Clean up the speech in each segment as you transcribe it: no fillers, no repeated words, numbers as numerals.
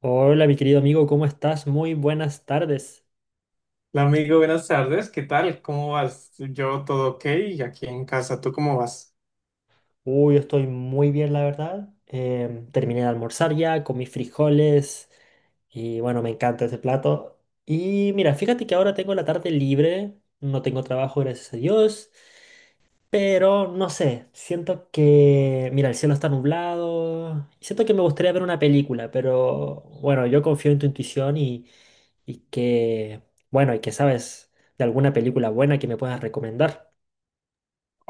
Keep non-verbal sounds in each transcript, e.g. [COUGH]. Hola, mi querido amigo, ¿cómo estás? Muy buenas tardes. Hola amigo, buenas tardes, ¿qué tal? ¿Cómo vas? Yo todo ok, aquí en casa, ¿tú cómo vas? Uy, yo estoy muy bien, la verdad. Terminé de almorzar ya con mis frijoles y bueno, me encanta ese plato. Y mira, fíjate que ahora tengo la tarde libre, no tengo trabajo, gracias a Dios, pero no sé, siento que, mira, el cielo está nublado y siento que me gustaría ver una película, pero bueno, yo confío en tu intuición y que, bueno, y que sabes de alguna película buena que me puedas recomendar.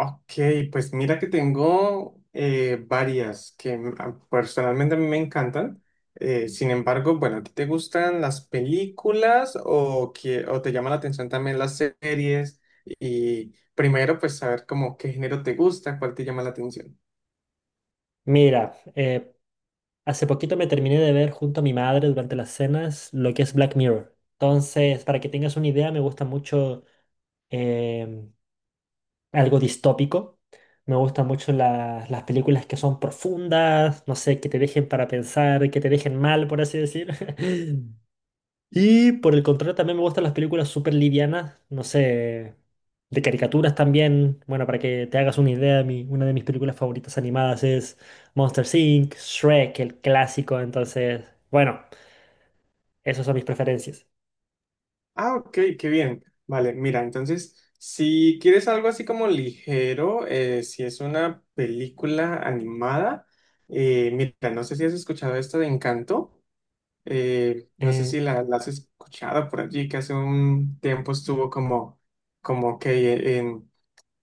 Ok, pues mira que tengo varias que personalmente a mí me encantan. Sin embargo, bueno, ¿a ti te gustan las películas o te llama la atención también las series? Y primero, pues saber como qué género te gusta, cuál te llama la atención. Mira, hace poquito me terminé de ver junto a mi madre durante las cenas lo que es Black Mirror. Entonces, para que tengas una idea, me gusta mucho em, algo distópico. Me gustan mucho las películas que son profundas, no sé, que te dejen para pensar, que te dejen mal, por así decir. [LAUGHS] Y por el contrario, también me gustan las películas súper livianas, no sé, de caricaturas también. Bueno, para que te hagas una idea, una de mis películas favoritas animadas es Monsters Inc., Shrek, el clásico. Entonces, bueno, esas son mis preferencias. Ah, ok, qué bien. Vale, mira, entonces, si quieres algo así como ligero, si es una película animada, mira, no sé si has escuchado esto de Encanto, no sé Eh, si la has escuchado por allí, que hace un tiempo estuvo como, como que eh, en-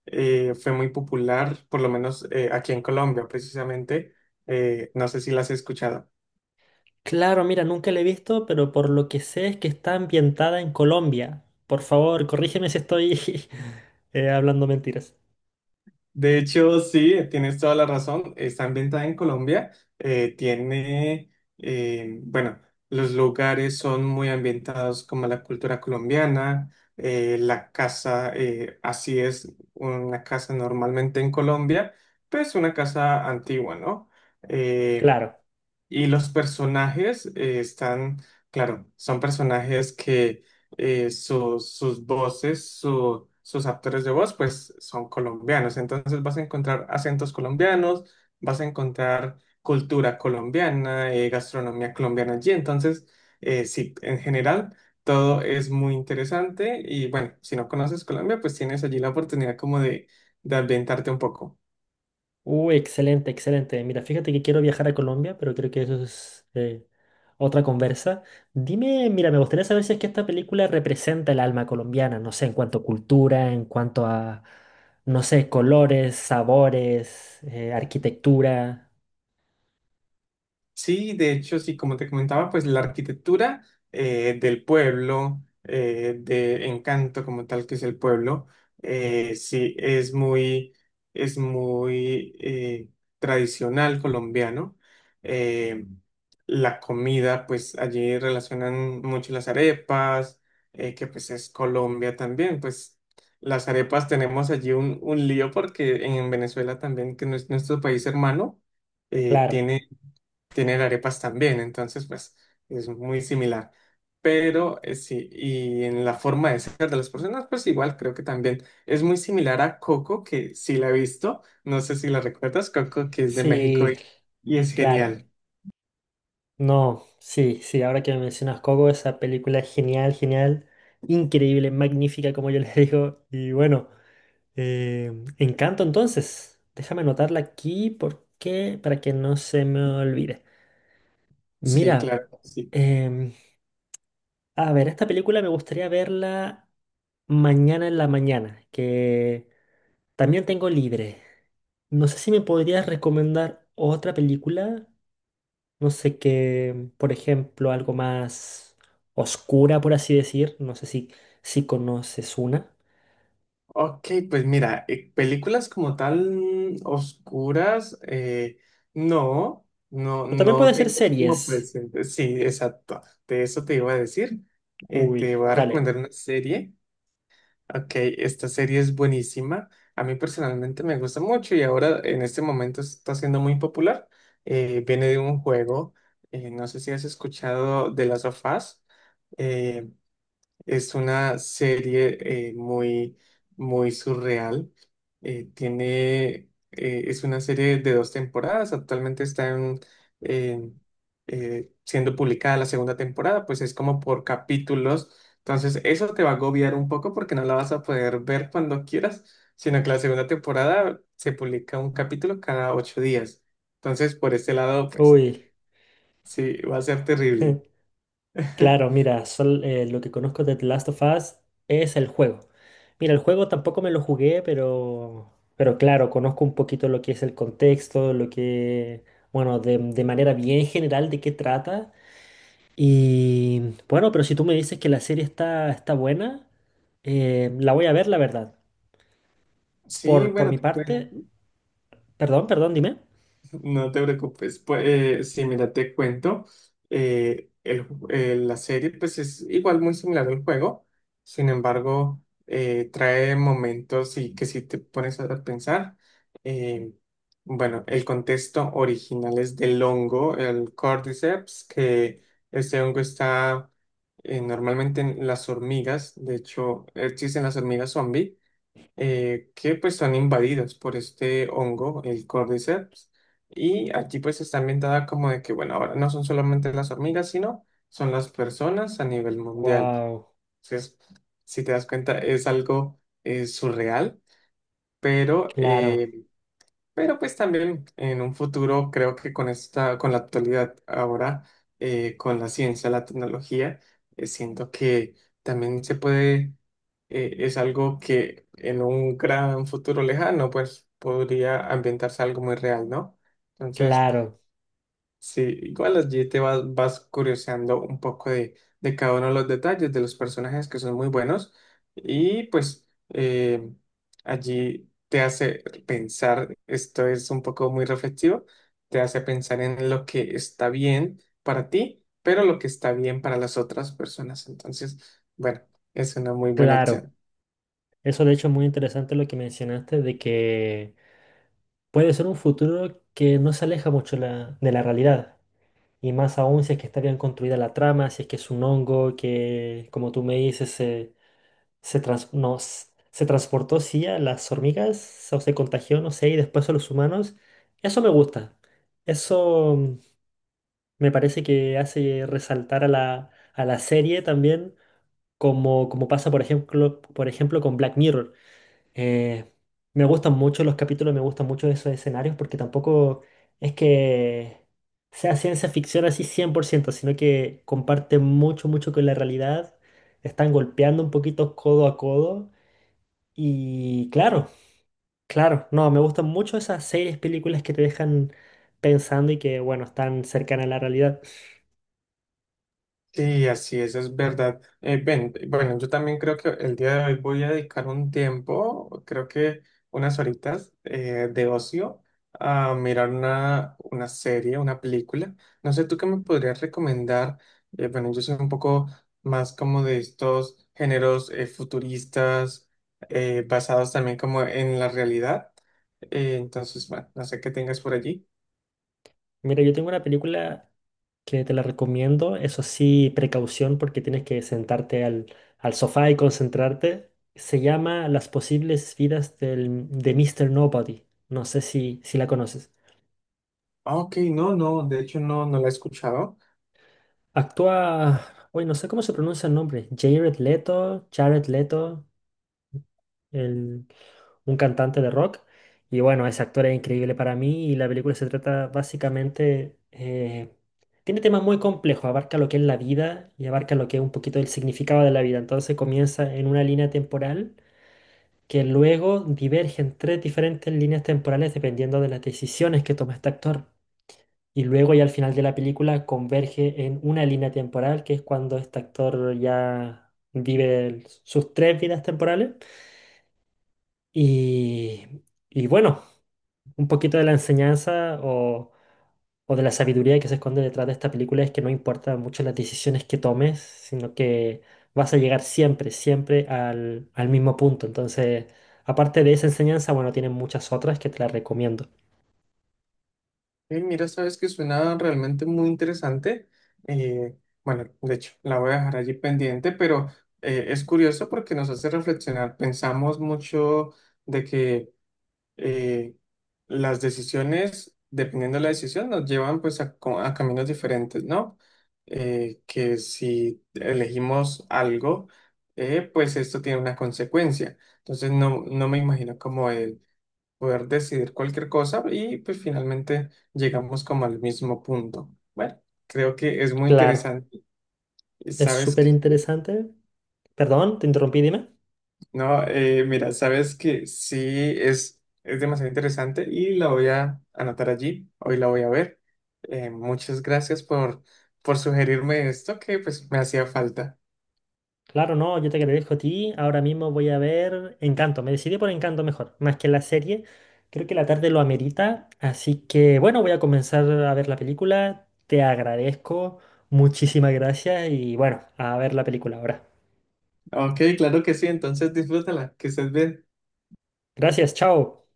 eh, fue muy popular, por lo menos aquí en Colombia, precisamente, no sé si la has escuchado. claro, mira, nunca la he visto, pero por lo que sé es que está ambientada en Colombia. Por favor, corrígeme si estoy [LAUGHS] hablando mentiras. De hecho, sí, tienes toda la razón. Está ambientada en Colombia. eh, tiene, eh, bueno, los lugares son muy ambientados como la cultura colombiana. La casa, así es una casa normalmente en Colombia, pues una casa antigua, ¿no? Eh, Claro. y los personajes claro, son personajes que sus voces, sus actores de voz, pues son colombianos. Entonces vas a encontrar acentos colombianos, vas a encontrar cultura colombiana, gastronomía colombiana allí. Entonces, sí, en general, todo es muy interesante. Y bueno, si no conoces Colombia, pues tienes allí la oportunidad como de ambientarte un poco. Excelente, excelente. Mira, fíjate que quiero viajar a Colombia, pero creo que eso es otra conversa. Dime, mira, me gustaría saber si es que esta película representa el alma colombiana, no sé, en cuanto a cultura, en cuanto a, no sé, colores, sabores, arquitectura. Sí, de hecho, sí, como te comentaba, pues la arquitectura del pueblo, de encanto como tal que es el pueblo, sí, es muy, es muy tradicional colombiano. Eh, la comida, pues allí relacionan mucho las arepas, que pues es Colombia también, pues las arepas tenemos allí un lío porque en Venezuela también, que no es nuestro país hermano, eh, Claro, tiene tienen arepas también, entonces pues es muy similar. Pero sí, y en la forma de ser de las personas, pues igual creo que también es muy similar a Coco, que sí la he visto, no sé si la recuerdas, Coco, que es de México sí, y es claro. genial. No, sí, sí, ahora que me mencionas Coco, esa película es genial, genial, increíble, magnífica, como yo les [LAUGHS] digo, y bueno. Eh, Encanto, entonces. Déjame anotarla aquí porque para que no se me olvide. Sí, Mira, claro, sí. em, a ver, esta película me gustaría verla mañana en la mañana, que también tengo libre. No sé si me podrías recomendar otra película. No sé qué, por ejemplo, algo más oscura, por así decir. No sé si conoces una. Ok, pues mira, películas como tal oscuras, no, no, O también no puede ser tengo así como series. presente. Sí, exacto, de eso te iba a decir. Te Uy, voy a dale. recomendar una serie. Ok, esta serie es buenísima. A mí personalmente me gusta mucho y ahora en este momento está siendo muy popular. Viene de un juego, no sé si has escuchado de las of Us. Eh, es una serie eh, muy, muy surreal. Eh, tiene, es una serie de 2 temporadas. Actualmente está en, siendo publicada la 2.ª temporada, pues es como por capítulos. Entonces, eso te va a agobiar un poco porque no la vas a poder ver cuando quieras, sino que la 2.ª temporada se publica un capítulo cada 8 días. Entonces, por este lado, pues Uy. sí, va a ser terrible. [LAUGHS] Claro, [LAUGHS] mira, lo que conozco de The Last of Us es el juego. Mira, el juego tampoco me lo jugué, pero claro, conozco un poquito lo que es el contexto, lo que, bueno, de manera bien general de qué trata. Y bueno, pero si tú me dices que la serie está buena, la voy a ver, la verdad. Por, Sí, por bueno, mi te parte, cuento. perdón, dime. No te preocupes, pues sí, mira, te cuento, la serie pues es igual muy similar al juego, sin embargo, trae momentos y que si te pones a pensar, eh, bueno, el contexto original es del hongo, el Cordyceps, que este hongo está normalmente en las hormigas, de hecho existen las hormigas zombie que pues son invadidas por este hongo, el Cordyceps, y aquí pues está ambientada como de que, bueno, ahora no son solamente las hormigas, sino son las personas a nivel mundial. Wow, Entonces, si te das cuenta, es algo surreal, pero claro, eh, pero pues también en un futuro creo que con esta, con la actualidad ahora, con la ciencia, la tecnología, siento que también se puede, es algo que en un gran futuro lejano, pues podría ambientarse algo muy real, ¿no? Entonces, claro, sí, igual allí te vas, vas curioseando un poco de cada uno de los detalles de los personajes que son muy buenos y pues allí te hace pensar, esto es un poco muy reflexivo, te hace pensar en lo que está bien para ti, pero lo que está bien para las otras personas. Entonces, bueno, es una muy buena claro. opción. Eso de hecho es muy interesante lo que mencionaste de que puede ser un futuro que no se aleja mucho de la realidad. Y más aún si es que está bien construida la trama, si es que es un hongo que, como tú me dices, se, trans- no, s- se transportó, sí, a las hormigas, o se contagió, no sé, y después a los humanos. Eso me gusta. Eso me parece que hace resaltar a a la serie también, como pasa, por ejemplo, con Black Mirror. Eh, Me gustan mucho los capítulos, me gustan mucho esos escenarios porque tampoco es que sea ciencia ficción así 100% sino que comparte mucho, mucho con la realidad. Están golpeando un poquito codo a codo. Y claro, claro, no, me gustan mucho esas series, películas que te dejan pensando y que, bueno, están cercanas a la realidad. Sí, así es verdad. Ven, bueno, yo también creo que el día de hoy voy a dedicar un tiempo, creo que unas horitas de ocio a mirar una serie, una película. No sé, ¿tú qué me podrías recomendar? Bueno, yo soy un poco más como de estos géneros futuristas, basados también como en la realidad. Entonces, bueno, no sé qué tengas por allí. Mira, yo tengo una película que te la recomiendo. Eso sí, precaución porque tienes que sentarte al sofá y concentrarte. Se llama Las posibles vidas de Mr. Nobody. No sé si la conoces. Ah, ok, no, no, de hecho no, no la he escuchado. Actúa, hoy no sé cómo se pronuncia el nombre. Jared Leto, Jared Leto. el- un cantante de rock. Y bueno, ese actor es increíble para mí y la película se trata básicamente. Tiene temas muy complejos, abarca lo que es la vida y abarca lo que es un poquito el significado de la vida. Entonces comienza en una línea temporal que luego diverge en tres diferentes líneas temporales dependiendo de las decisiones que toma este actor. Y luego ya al final de la película converge en una línea temporal, que es cuando este actor ya vive sus tres vidas temporales. Y, bueno, un poquito de la enseñanza o de la sabiduría que se esconde detrás de esta película es que no importa mucho las decisiones que tomes, sino que vas a llegar siempre, siempre al mismo punto. Entonces, aparte de esa enseñanza, bueno, tienen muchas otras que te las recomiendo. Mira, sabes que suena realmente muy interesante. Eh, bueno, de hecho, la voy a dejar allí pendiente, pero es curioso porque nos hace reflexionar. Pensamos mucho de que eh, las decisiones, dependiendo de la decisión, nos llevan pues a, a caminos diferentes, ¿no? Que si elegimos algo, pues esto tiene una consecuencia. Entonces, no, no me imagino como el poder decidir cualquier cosa y pues finalmente llegamos como al mismo punto. Bueno, creo que es muy Claro, interesante. Y es sabes súper que, interesante. Perdón, te interrumpí, dime. no, mira, sabes que sí es demasiado interesante y la voy a anotar allí, hoy la voy a ver. Muchas gracias por sugerirme esto que pues me hacía falta. Claro, no, yo te agradezco a ti. Ahora mismo voy a ver Encanto. Me decidí por Encanto mejor, más que la serie. Creo que la tarde lo amerita. Así que bueno, voy a comenzar a ver la película. Te agradezco. Muchísimas gracias y bueno, a ver la película ahora. Ok, claro que sí, entonces disfrútala, que estés bien. Gracias, chao.